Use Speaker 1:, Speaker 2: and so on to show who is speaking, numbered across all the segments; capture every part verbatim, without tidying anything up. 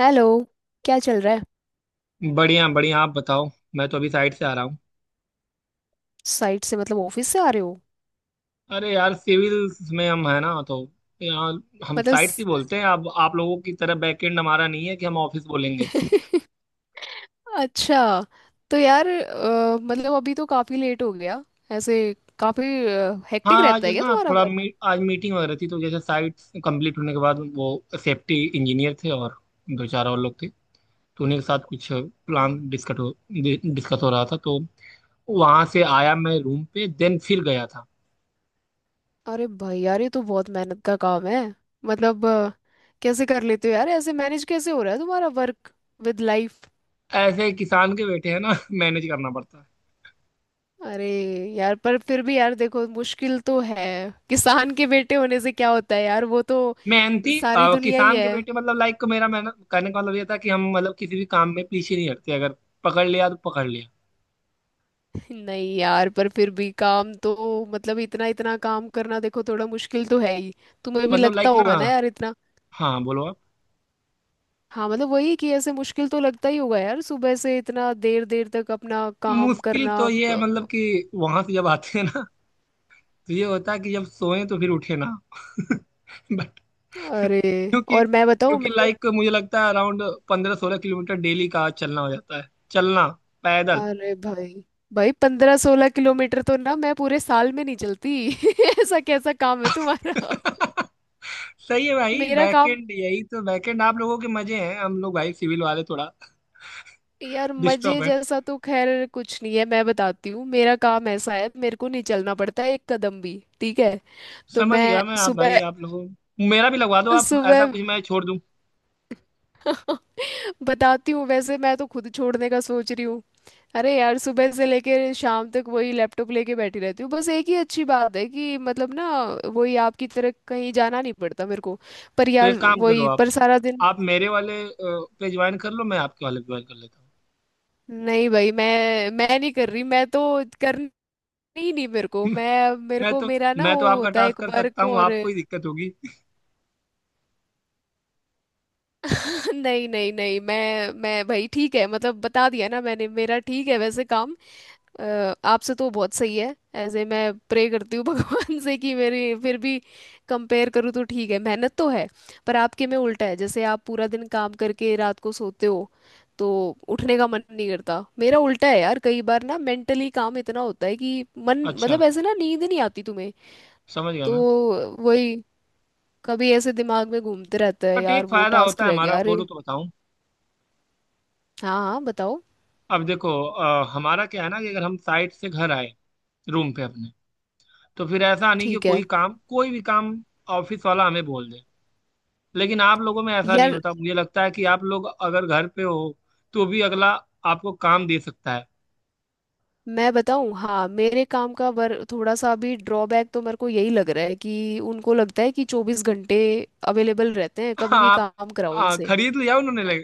Speaker 1: Hello. क्या चल रहा है।
Speaker 2: बढ़िया बढ़िया, आप बताओ। मैं तो अभी साइड से आ रहा हूँ।
Speaker 1: साइट से मतलब ऑफिस से आ रहे हो।
Speaker 2: अरे यार, सिविल्स में हम है ना, तो यहाँ हम
Speaker 1: मतलब
Speaker 2: साइड से
Speaker 1: स-
Speaker 2: बोलते हैं। अब आप लोगों की तरह बैकएंड हमारा नहीं है कि हम ऑफिस बोलेंगे।
Speaker 1: अच्छा। तो यार, अ, मतलब अभी तो काफी लेट हो गया। ऐसे काफी
Speaker 2: हाँ,
Speaker 1: हेक्टिक
Speaker 2: आज
Speaker 1: रहता है क्या
Speaker 2: ना
Speaker 1: तुम्हारा
Speaker 2: थोड़ा मी, आज मीटिंग वगैरह थी, तो जैसे साइट कंप्लीट होने के बाद वो सेफ्टी इंजीनियर थे और दो चार और लोग थे, तो उन्हीं के साथ कुछ
Speaker 1: वर्क।
Speaker 2: प्लान डिस्कस हो डिस्कस हो रहा था। तो वहां से आया मैं रूम पे, देन फिर गया था।
Speaker 1: अरे भाई यार, ये तो बहुत मेहनत का काम है। मतलब अ, कैसे कर लेते हो यार, ऐसे मैनेज कैसे हो रहा है तुम्हारा वर्क विद लाइफ।
Speaker 2: ऐसे किसान के बेटे हैं ना मैनेज करना पड़ता है।
Speaker 1: अरे यार, पर फिर भी यार देखो, मुश्किल तो है। किसान के बेटे होने से क्या होता है यार, वो तो
Speaker 2: मेहनती
Speaker 1: सारी
Speaker 2: अ,
Speaker 1: दुनिया ही
Speaker 2: किसान के
Speaker 1: है।
Speaker 2: बेटे मतलब लाइक, मेरा मेहनत करने का मतलब ये था कि हम मतलब किसी भी काम में पीछे नहीं हटते। अगर पकड़ लिया तो पकड़ लिया।
Speaker 1: नहीं यार, पर फिर भी काम तो मतलब इतना इतना काम करना देखो, थोड़ा मुश्किल तो है ही। तुम्हें भी
Speaker 2: मतलब
Speaker 1: लगता
Speaker 2: लाइक ना।
Speaker 1: होगा ना यार, इतना।
Speaker 2: हाँ बोलो आप।
Speaker 1: हाँ, मतलब वही कि ऐसे मुश्किल तो लगता ही होगा यार, सुबह से इतना देर देर तक अपना काम
Speaker 2: मुश्किल
Speaker 1: करना।
Speaker 2: तो ये है मतलब, कि वहां से जब आते हैं ना, तो ये होता है कि जब सोए तो फिर उठे ना। बट
Speaker 1: अरे,
Speaker 2: क्योंकि
Speaker 1: और मैं बताऊँ
Speaker 2: क्योंकि
Speaker 1: मैंने।
Speaker 2: लाइक मुझे लगता है अराउंड पंद्रह सोलह किलोमीटर डेली का चलना हो जाता है, चलना पैदल।
Speaker 1: अरे भाई, भाई पंद्रह सोलह किलोमीटर तो ना मैं पूरे साल में नहीं चलती। ऐसा कैसा काम है तुम्हारा।
Speaker 2: सही है भाई,
Speaker 1: मेरा काम।
Speaker 2: बैकएंड यही तो। बैकएंड आप लोगों के मजे हैं, हम लोग भाई सिविल वाले थोड़ा
Speaker 1: यार, मजे
Speaker 2: डिस्टर्ब।
Speaker 1: जैसा तो खैर कुछ नहीं है। मैं बताती हूँ, मेरा काम ऐसा है मेरे को नहीं चलना पड़ता एक कदम भी, ठीक है। तो
Speaker 2: समझ गया
Speaker 1: मैं
Speaker 2: मैं आप भाई,
Speaker 1: सुबह
Speaker 2: आप लोगों मेरा भी लगवा दो। आप ऐसा
Speaker 1: सुबह
Speaker 2: कुछ, मैं छोड़ दूं।
Speaker 1: बताती हूँ। वैसे मैं तो खुद छोड़ने का सोच रही हूँ। अरे यार, सुबह से लेकर शाम तक वही लैपटॉप लेके बैठी रहती हूँ। बस एक ही अच्छी बात है कि मतलब ना, वही आपकी तरह कहीं जाना नहीं पड़ता मेरे को। पर
Speaker 2: तो
Speaker 1: यार
Speaker 2: एक काम करो
Speaker 1: वही,
Speaker 2: आप
Speaker 1: पर सारा दिन।
Speaker 2: आप मेरे वाले अ, पे ज्वाइन कर लो, मैं आपके वाले पे ज्वाइन कर लेता
Speaker 1: नहीं भाई, मैं मैं नहीं कर रही, मैं तो कर। नहीं नहीं, मेरे को
Speaker 2: हूँ।
Speaker 1: मैं मेरे
Speaker 2: मैं
Speaker 1: को
Speaker 2: तो
Speaker 1: मेरा ना,
Speaker 2: मैं तो
Speaker 1: वो
Speaker 2: आपका
Speaker 1: होता है
Speaker 2: टास्क
Speaker 1: एक
Speaker 2: कर सकता
Speaker 1: वर्क
Speaker 2: हूँ,
Speaker 1: और।
Speaker 2: आपको ही दिक्कत होगी।
Speaker 1: नहीं नहीं नहीं, मैं मैं भाई ठीक है, मतलब बता दिया ना मैंने, मेरा ठीक है वैसे काम। अ, आपसे तो बहुत सही है। ऐसे मैं प्रे करती हूँ भगवान से कि मेरी फिर भी, कंपेयर करूँ तो ठीक है, मेहनत तो है। पर आपके में उल्टा है, जैसे आप पूरा दिन काम करके रात को सोते हो तो उठने का मन नहीं करता। मेरा उल्टा है यार, कई बार ना मेंटली काम इतना होता है कि मन
Speaker 2: अच्छा।
Speaker 1: मतलब ऐसे ना, नींद नहीं आती तुम्हें।
Speaker 2: समझ गया
Speaker 1: तो
Speaker 2: मैं
Speaker 1: वही, कभी ऐसे दिमाग में घूमते रहता है
Speaker 2: बट एक
Speaker 1: यार, वो
Speaker 2: फायदा
Speaker 1: टास्क
Speaker 2: होता है
Speaker 1: रह
Speaker 2: हमारा,
Speaker 1: गया, अरे।
Speaker 2: बोलो तो बताऊं।
Speaker 1: हाँ हाँ, बताओ।
Speaker 2: अब देखो अ, हमारा क्या है ना, कि अगर हम साइट से घर आए, रूम पे अपने, तो फिर ऐसा नहीं कि
Speaker 1: ठीक
Speaker 2: कोई
Speaker 1: है।
Speaker 2: काम, कोई भी काम ऑफिस वाला हमें बोल दे। लेकिन आप लोगों में ऐसा नहीं
Speaker 1: यार
Speaker 2: होता, मुझे लगता है कि आप लोग अगर घर पे हो, तो भी अगला आपको काम दे सकता है।
Speaker 1: मैं बताऊं, हाँ, मेरे काम का वर थोड़ा सा अभी ड्रॉबैक तो मेरे को यही लग रहा है कि उनको लगता है कि चौबीस घंटे अवेलेबल रहते हैं, कभी भी
Speaker 2: आप
Speaker 1: काम कराओ
Speaker 2: आ,
Speaker 1: इनसे।
Speaker 2: खरीद लिया उन्होंने, ले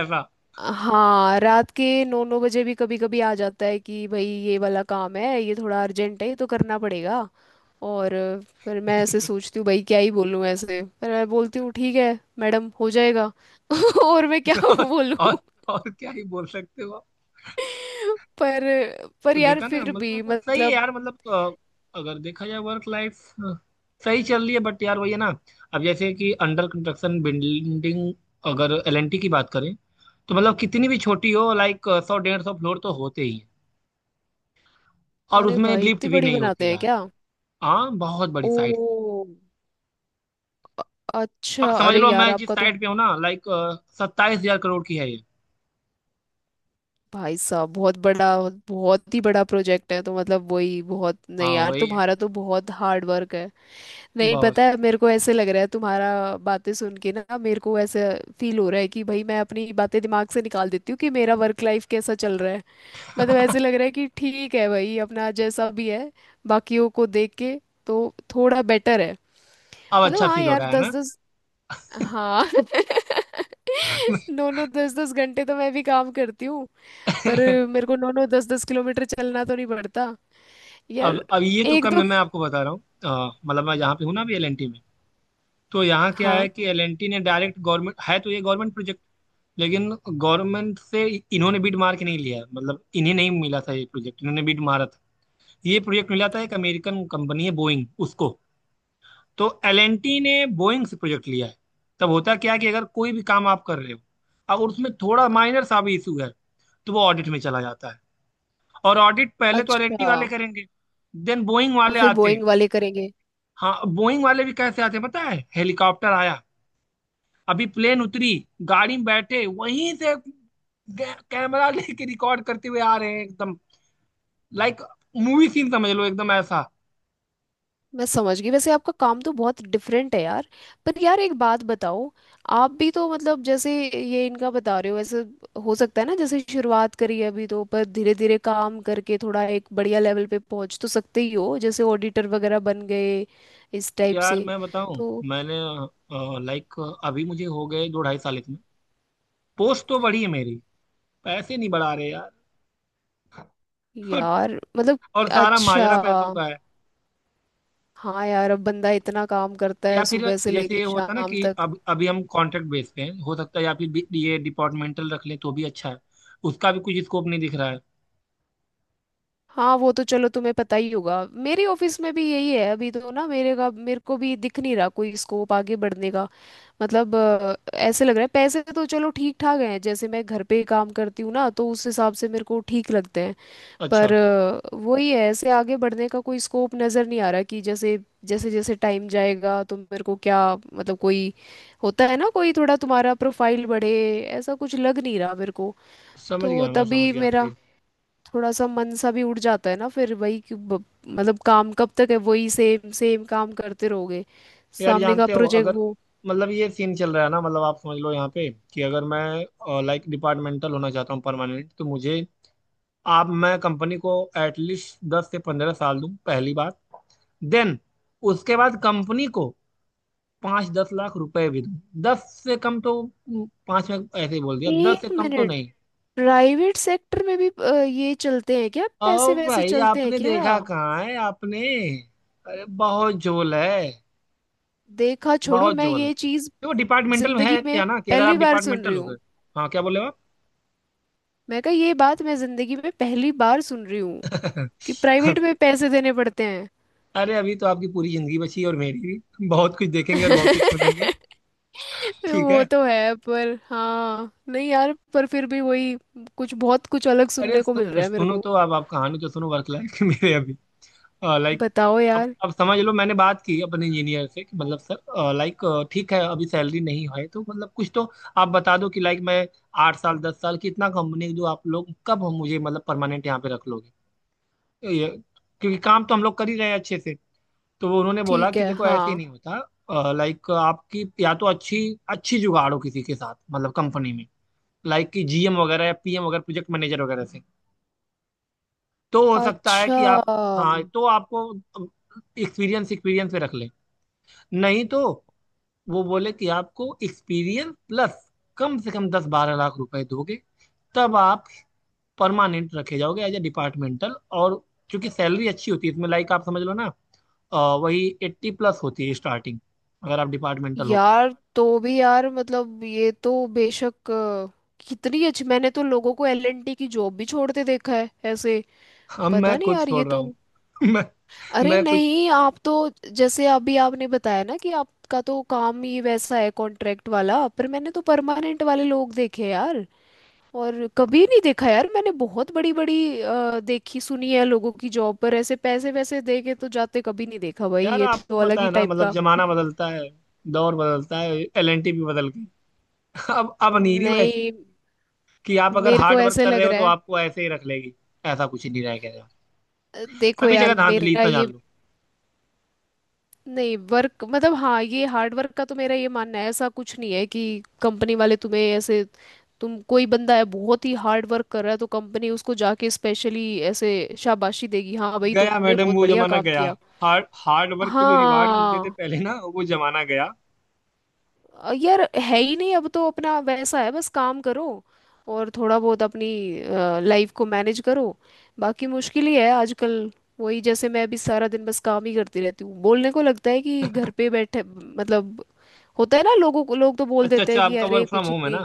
Speaker 2: ऐसा।
Speaker 1: हाँ, रात के नौ नौ बजे भी कभी कभी आ जाता है कि भाई, ये वाला काम है, ये थोड़ा अर्जेंट है, ये तो करना पड़ेगा। और फिर मैं ऐसे सोचती हूँ भाई, क्या ही बोलूँ ऐसे, पर मैं बोलती हूँ ठीक है मैडम, हो जाएगा। और मैं क्या
Speaker 2: और,
Speaker 1: बोलूँ।
Speaker 2: और और क्या ही बोल सकते हो आप।
Speaker 1: पर पर
Speaker 2: तो
Speaker 1: यार
Speaker 2: देखा ना,
Speaker 1: फिर भी
Speaker 2: मतलब सही है
Speaker 1: मतलब।
Speaker 2: यार। मतलब अ, अगर देखा जाए वर्क लाइफ सही चल रही है, बट यार वही है ना। अब जैसे कि अंडर कंस्ट्रक्शन बिल्डिंग, अगर एल एन टी की बात करें, तो मतलब कितनी भी छोटी हो लाइक, सौ डेढ़ सौ फ्लोर तो होते ही हैं, और
Speaker 1: अरे
Speaker 2: उसमें
Speaker 1: भाई,
Speaker 2: लिफ्ट
Speaker 1: इतनी
Speaker 2: भी
Speaker 1: बड़ी
Speaker 2: नहीं
Speaker 1: बनाते
Speaker 2: होती
Speaker 1: हैं
Speaker 2: यार।
Speaker 1: क्या।
Speaker 2: हाँ, बहुत
Speaker 1: ओ
Speaker 2: बड़ी साइट। अब
Speaker 1: अच्छा।
Speaker 2: समझ
Speaker 1: अरे
Speaker 2: लो मैं
Speaker 1: यार
Speaker 2: जिस
Speaker 1: आपका तो।
Speaker 2: साइट पे हूँ ना लाइक, सत्ताईस हजार करोड़ की है ये।
Speaker 1: भाई साहब, बहुत बड़ा, बहुत ही बड़ा प्रोजेक्ट है तो मतलब वही, बहुत नहीं
Speaker 2: हाँ
Speaker 1: यार,
Speaker 2: वही है।
Speaker 1: तुम्हारा तो बहुत हार्ड वर्क है। नहीं, पता
Speaker 2: बहुत।
Speaker 1: है मेरे को, ऐसे लग रहा है तुम्हारा बातें सुन के ना, मेरे को ऐसे फील हो रहा है कि भाई, मैं अपनी बातें दिमाग से निकाल देती हूँ कि मेरा वर्क लाइफ कैसा चल रहा है। मतलब ऐसे लग रहा है कि ठीक है भाई, अपना जैसा भी है, बाकियों को देख के तो थोड़ा बेटर है।
Speaker 2: अब
Speaker 1: मतलब,
Speaker 2: अच्छा
Speaker 1: हाँ
Speaker 2: फील हो
Speaker 1: यार,
Speaker 2: रहा है
Speaker 1: दस
Speaker 2: ना।
Speaker 1: दस। हाँ नौ नौ दस दस घंटे तो मैं भी काम करती हूँ। पर मेरे को नौ नौ दस दस किलोमीटर चलना तो नहीं पड़ता। यार,
Speaker 2: अब अब ये तो
Speaker 1: एक
Speaker 2: कम
Speaker 1: दो।
Speaker 2: है, मैं आपको बता रहा हूँ। अ, मतलब मैं जहाँ पे हूँ ना अभी एल एन टी में, तो यहाँ क्या है
Speaker 1: हाँ,
Speaker 2: कि एल एन टी ने डायरेक्ट गवर्नमेंट है, तो ये गवर्नमेंट प्रोजेक्ट। लेकिन गवर्नमेंट से इन्होंने बिड मार के नहीं लिया है, मतलब इन्हें नहीं मिला था ये प्रोजेक्ट। इन्होंने बिड मारा था। ये प्रोजेक्ट मिला था एक अमेरिकन कंपनी है बोइंग, उसको। तो एल एन टी ने बोइंग से प्रोजेक्ट लिया है। तब होता क्या है कि अगर कोई भी काम आप कर रहे हो और उसमें थोड़ा
Speaker 1: अ-
Speaker 2: माइनर सा भी इशू है, तो वो ऑडिट में चला जाता है। और ऑडिट पहले तो एल एन टी
Speaker 1: अच्छा।
Speaker 2: वाले करेंगे, देन बोइंग
Speaker 1: और
Speaker 2: वाले
Speaker 1: फिर
Speaker 2: आते हैं।
Speaker 1: बोइंग वाले करेंगे।
Speaker 2: हाँ, बोइंग वाले भी कैसे आते हैं पता है, हेलीकॉप्टर आया, अभी प्लेन उतरी, गाड़ी में बैठे वहीं से कै- कैमरा लेके रिकॉर्ड करते हुए आ रहे हैं एकदम। लाइक मूवी सीन समझ लो, एकदम ऐसा।
Speaker 1: मैं समझ गई, वैसे आपका काम तो बहुत डिफरेंट है यार। पर यार एक बात बताओ, आप भी तो मतलब, जैसे ये इनका बता रहे हो वैसे हो सकता है ना, जैसे शुरुआत करी है अभी तो, पर धीरे धीरे काम करके थोड़ा एक बढ़िया लेवल पे पहुंच तो सकते ही हो, जैसे ऑडिटर वगैरह बन गए, इस टाइप
Speaker 2: यार
Speaker 1: से।
Speaker 2: मैं बताऊं,
Speaker 1: तो
Speaker 2: मैंने लाइक अभी मुझे हो गए दो ढाई साल इसमें। पोस्ट तो बढ़ी है मेरी, पैसे नहीं बढ़ा रहे यार। और,
Speaker 1: यार मतलब।
Speaker 2: और सारा माजरा पैसों
Speaker 1: अच्छा,
Speaker 2: का है।
Speaker 1: हाँ यार, अब बंदा इतना काम करता
Speaker 2: या
Speaker 1: है
Speaker 2: फिर
Speaker 1: सुबह से
Speaker 2: जैसे
Speaker 1: लेके
Speaker 2: ये होता ना,
Speaker 1: शाम
Speaker 2: कि
Speaker 1: तक।
Speaker 2: अब अभी हम कॉन्ट्रैक्ट बेस पे हैं, हो सकता है या फिर बी- ये डिपार्टमेंटल रख लें तो भी अच्छा है। उसका भी कुछ स्कोप नहीं दिख रहा है।
Speaker 1: हाँ, वो तो चलो तुम्हें पता ही होगा, मेरे ऑफिस में भी यही है अभी तो ना, मेरे का मेरे को भी दिख नहीं रहा कोई स्कोप आगे बढ़ने का। मतलब अ, ऐसे लग रहा है पैसे तो चलो ठीक ठाक हैं, जैसे मैं घर पे काम करती हूँ ना तो उस हिसाब से मेरे को ठीक लगते हैं।
Speaker 2: अच्छा।
Speaker 1: पर अ, वही है, ऐसे आगे बढ़ने का कोई स्कोप नज़र नहीं आ रहा कि जैसे, जैसे जैसे टाइम जाएगा तो मेरे को क्या, मतलब कोई होता है ना कोई थोड़ा तुम्हारा प्रोफाइल बढ़े, ऐसा कुछ लग नहीं रहा मेरे को।
Speaker 2: समझ
Speaker 1: तो
Speaker 2: गया मैं, समझ
Speaker 1: तभी
Speaker 2: गया
Speaker 1: मेरा
Speaker 2: आपके।
Speaker 1: थोड़ा सा मन सा भी उड़ जाता है ना, फिर वही कि ब- मतलब काम कब तक है, वही सेम सेम काम करते रहोगे,
Speaker 2: यार
Speaker 1: सामने का
Speaker 2: जानते हो,
Speaker 1: प्रोजेक्ट
Speaker 2: अगर
Speaker 1: वो।
Speaker 2: मतलब ये सीन चल रहा है ना, मतलब आप समझ लो यहाँ पे, कि अगर मैं लाइक डिपार्टमेंटल होना चाहता हूँ परमानेंट, तो मुझे आप मैं कंपनी को एटलीस्ट दस से पंद्रह साल दूं पहली बात। देन उसके बाद कंपनी को पांच दस लाख रुपए भी दूं। दस से कम तो हम्म, पांच में ऐसे ही बोल दिया, दस से
Speaker 1: एक
Speaker 2: कम तो
Speaker 1: मिनट।
Speaker 2: नहीं।
Speaker 1: प्राइवेट सेक्टर में भी अ, ये चलते हैं क्या, पैसे
Speaker 2: और
Speaker 1: वैसे
Speaker 2: भाई
Speaker 1: चलते हैं
Speaker 2: आपने
Speaker 1: क्या।
Speaker 2: देखा कहाँ है, आपने? अरे बहुत झोल है।
Speaker 1: देखा, छोड़ो।
Speaker 2: बहुत
Speaker 1: मैं
Speaker 2: झोल है।
Speaker 1: ये चीज
Speaker 2: देखो डिपार्टमेंटल में
Speaker 1: जिंदगी
Speaker 2: है
Speaker 1: में
Speaker 2: क्या ना, कि अगर आप
Speaker 1: पहली बार सुन रही
Speaker 2: डिपार्टमेंटल हो गए।
Speaker 1: हूँ।
Speaker 2: हाँ क्या बोले आप?
Speaker 1: मैं कहा ये बात, मैं जिंदगी में पहली बार सुन रही हूँ कि प्राइवेट में पैसे देने पड़ते हैं।
Speaker 2: अरे अभी तो आपकी पूरी जिंदगी बची है और मेरी भी, बहुत कुछ देखेंगे और बहुत कुछ सुनेंगे। ठीक
Speaker 1: वो
Speaker 2: है।
Speaker 1: तो है, पर हाँ, नहीं यार पर फिर भी वही, कुछ बहुत कुछ अलग
Speaker 2: अरे
Speaker 1: सुनने को
Speaker 2: सु,
Speaker 1: मिल रहा है मेरे
Speaker 2: सुनो
Speaker 1: को।
Speaker 2: तो, अब आप कहानी तो सुनो वर्क लाइफ मेरे अभी, लाइक।
Speaker 1: बताओ
Speaker 2: अब
Speaker 1: यार।
Speaker 2: अब समझ लो, मैंने बात की अपने इंजीनियर से, कि मतलब सर लाइक ठीक है अभी सैलरी नहीं है, तो मतलब कुछ तो आप बता दो कि लाइक मैं आठ साल दस साल कितना कंपनी जो आप लोग, कब हम मुझे मतलब परमानेंट यहाँ पे रख लोगे, तो ये। क्योंकि काम तो हम लोग कर ही रहे हैं अच्छे से। तो वो उन्होंने बोला
Speaker 1: ठीक
Speaker 2: कि
Speaker 1: है।
Speaker 2: देखो ऐसे ही
Speaker 1: हाँ,
Speaker 2: नहीं होता, लाइक आपकी या तो अच्छी अच्छी जुगाड़ हो किसी के साथ, मतलब कंपनी में, लाइक कि जी एम वगैरह या पी एम वगैरह, प्रोजेक्ट मैनेजर वगैरह से, तो हो सकता है
Speaker 1: अच्छा।
Speaker 2: कि आप, हाँ तो आपको एक्सपीरियंस एक्सपीरियंस पे रख ले। नहीं तो वो बोले कि आपको एक्सपीरियंस प्लस कम से कम दस बारह लाख रुपए दोगे, तब आप परमानेंट रखे जाओगे एज ए डिपार्टमेंटल। और चूंकि सैलरी अच्छी होती है इसमें, लाइक आप समझ लो ना, अ, वही एट्टी प्लस होती है स्टार्टिंग, अगर आप डिपार्टमेंटल हो तो।
Speaker 1: यार तो भी यार मतलब ये तो बेशक अ, कितनी अच्छी, मैंने तो लोगों को एल एन टी की जॉब भी छोड़ते देखा है ऐसे।
Speaker 2: अब मैं
Speaker 1: पता नहीं
Speaker 2: खुद
Speaker 1: यार ये
Speaker 2: छोड़ रहा
Speaker 1: तो,
Speaker 2: हूँ। मैं
Speaker 1: अरे
Speaker 2: मैं कुछ।
Speaker 1: नहीं आप तो, जैसे अभी आपने बताया ना कि आपका तो काम ही वैसा है कॉन्ट्रैक्ट वाला, पर मैंने तो परमानेंट वाले लोग देखे यार। और कभी नहीं देखा यार, मैंने बहुत बड़ी बड़ी अ, देखी सुनी है लोगों की जॉब, पर ऐसे पैसे वैसे दे के तो जाते कभी नहीं देखा भाई,
Speaker 2: यार
Speaker 1: ये
Speaker 2: आपको
Speaker 1: तो अलग
Speaker 2: पता
Speaker 1: ही
Speaker 2: है ना,
Speaker 1: टाइप
Speaker 2: मतलब
Speaker 1: का।
Speaker 2: जमाना बदलता है, दौर बदलता है, एल एन टी भी बदल गई। अब अब नहीं रही वैसे,
Speaker 1: नहीं,
Speaker 2: कि आप अगर
Speaker 1: मेरे को
Speaker 2: हार्ड वर्क
Speaker 1: ऐसे
Speaker 2: कर रहे
Speaker 1: लग
Speaker 2: हो
Speaker 1: रहा
Speaker 2: तो
Speaker 1: है,
Speaker 2: आपको ऐसे ही रख लेगी। ऐसा कुछ नहीं रह गया,
Speaker 1: अ, देखो
Speaker 2: सभी
Speaker 1: यार
Speaker 2: जगह धांधली,
Speaker 1: मेरा
Speaker 2: इतना जान
Speaker 1: ये,
Speaker 2: लो।
Speaker 1: नहीं वर्क मतलब, हाँ ये हार्ड वर्क का तो मेरा ये मानना है, ऐसा कुछ नहीं है कि कंपनी वाले तुम्हें ऐसे, तुम कोई बंदा है बहुत ही हार्ड वर्क कर रहा है तो कंपनी उसको जाके स्पेशली ऐसे शाबाशी देगी, हाँ भाई
Speaker 2: गया
Speaker 1: तुमने
Speaker 2: मैडम,
Speaker 1: बहुत
Speaker 2: वो
Speaker 1: बढ़िया
Speaker 2: जमाना
Speaker 1: काम
Speaker 2: गया।
Speaker 1: किया।
Speaker 2: हार्ड हार्ड वर्क पे जो रिवार्ड मिलते थे
Speaker 1: हाँ,
Speaker 2: पहले ना, वो जमाना गया।
Speaker 1: अ, यार है ही नहीं अब तो, अपना वैसा है बस काम करो और थोड़ा बहुत अपनी लाइफ को मैनेज करो, बाकी मुश्किल ही है आजकल। वही, जैसे मैं अभी सारा दिन बस काम ही करती रहती हूँ, बोलने को लगता है कि घर पे बैठे मतलब, होता है ना लोगों को, लोग तो बोल
Speaker 2: अच्छा
Speaker 1: देते
Speaker 2: अच्छा,
Speaker 1: हैं कि
Speaker 2: आपका
Speaker 1: अरे
Speaker 2: वर्क फ्रॉम
Speaker 1: कुछ
Speaker 2: होम है ना।
Speaker 1: नहीं।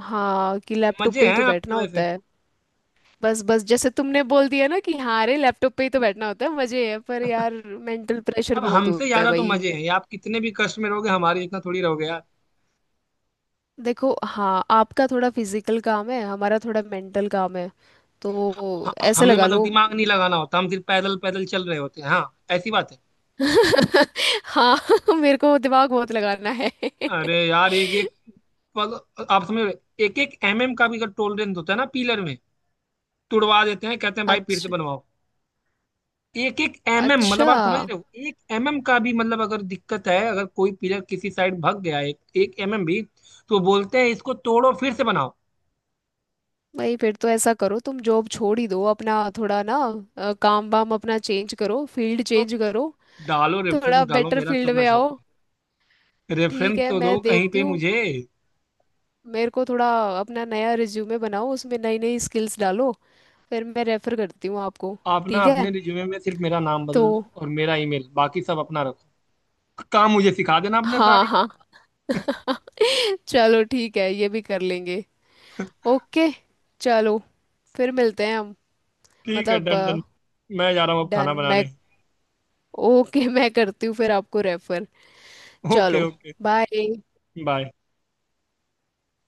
Speaker 1: हाँ, कि लैपटॉप
Speaker 2: मजे
Speaker 1: पे ही
Speaker 2: हैं
Speaker 1: तो
Speaker 2: आपके
Speaker 1: बैठना होता
Speaker 2: वैसे।
Speaker 1: है। बस बस, जैसे तुमने बोल दिया ना कि हाँ, अरे लैपटॉप पे ही तो बैठना होता है मजे है, पर यार मेंटल प्रेशर
Speaker 2: अब
Speaker 1: बहुत
Speaker 2: हमसे
Speaker 1: होता है
Speaker 2: ज्यादा तो
Speaker 1: भाई।
Speaker 2: मजे हैं आप, कितने भी कष्ट में रहोगे, हमारे जितना थोड़ी रहोगे यार।
Speaker 1: देखो हाँ, आपका थोड़ा फिजिकल काम है, हमारा थोड़ा मेंटल काम है, तो
Speaker 2: ह-
Speaker 1: ऐसे
Speaker 2: हमें
Speaker 1: लगा
Speaker 2: मतलब
Speaker 1: लो।
Speaker 2: दिमाग नहीं लगाना होता, हम सिर्फ पैदल पैदल चल रहे होते हैं, हाँ ऐसी बात है।
Speaker 1: हाँ मेरे को दिमाग बहुत लगाना है।
Speaker 2: अरे यार, एक एक मतलब आप समझ रहे, एक एक एम एम का भी अगर टोलरेंस होता है ना पिलर में, तुड़वा देते हैं। कहते हैं भाई फिर से
Speaker 1: अच्छा
Speaker 2: बनवाओ। एक एक एमएम मतलब
Speaker 1: अच्छा।
Speaker 2: आप समझ रहे हो, एक एमएम का भी मतलब अगर दिक्कत है, अगर कोई पिलर किसी साइड भग गया एक एक एमएम भी, तो बोलते हैं इसको तोड़ो फिर से बनाओ।
Speaker 1: भाई फिर तो ऐसा करो, तुम जॉब छोड़ ही दो अपना थोड़ा ना, अ, काम वाम अपना चेंज करो, फील्ड
Speaker 2: तो
Speaker 1: चेंज करो,
Speaker 2: डालो रेफरेंस,
Speaker 1: थोड़ा
Speaker 2: डालो
Speaker 1: बेटर
Speaker 2: मेरा,
Speaker 1: फील्ड
Speaker 2: सब ना
Speaker 1: में आओ।
Speaker 2: छोड़ो।
Speaker 1: ठीक
Speaker 2: रेफरेंस
Speaker 1: है,
Speaker 2: तो
Speaker 1: मैं
Speaker 2: दो कहीं
Speaker 1: देखती
Speaker 2: पे
Speaker 1: हूँ,
Speaker 2: मुझे।
Speaker 1: मेरे को थोड़ा। अपना नया रिज्यूमे बनाओ, उसमें नई नई स्किल्स डालो, फिर मैं रेफर करती हूँ आपको।
Speaker 2: आप ना
Speaker 1: ठीक है
Speaker 2: अपने रिज्यूमे में सिर्फ मेरा नाम
Speaker 1: तो,
Speaker 2: बदल दो और मेरा ईमेल, बाकी सब अपना रखो। काम मुझे सिखा देना अपने
Speaker 1: हाँ
Speaker 2: सारे।
Speaker 1: हाँ चलो ठीक है, ये भी कर लेंगे। ओके, चलो। फिर मिलते हैं हम
Speaker 2: ठीक है,
Speaker 1: मतलब।
Speaker 2: Done done. मैं जा रहा हूँ अब
Speaker 1: डन
Speaker 2: खाना बनाने।
Speaker 1: मैं। ओके मैं करती हूँ फिर आपको रेफर।
Speaker 2: ओके
Speaker 1: चलो,
Speaker 2: ओके।
Speaker 1: बाय।
Speaker 2: बाय।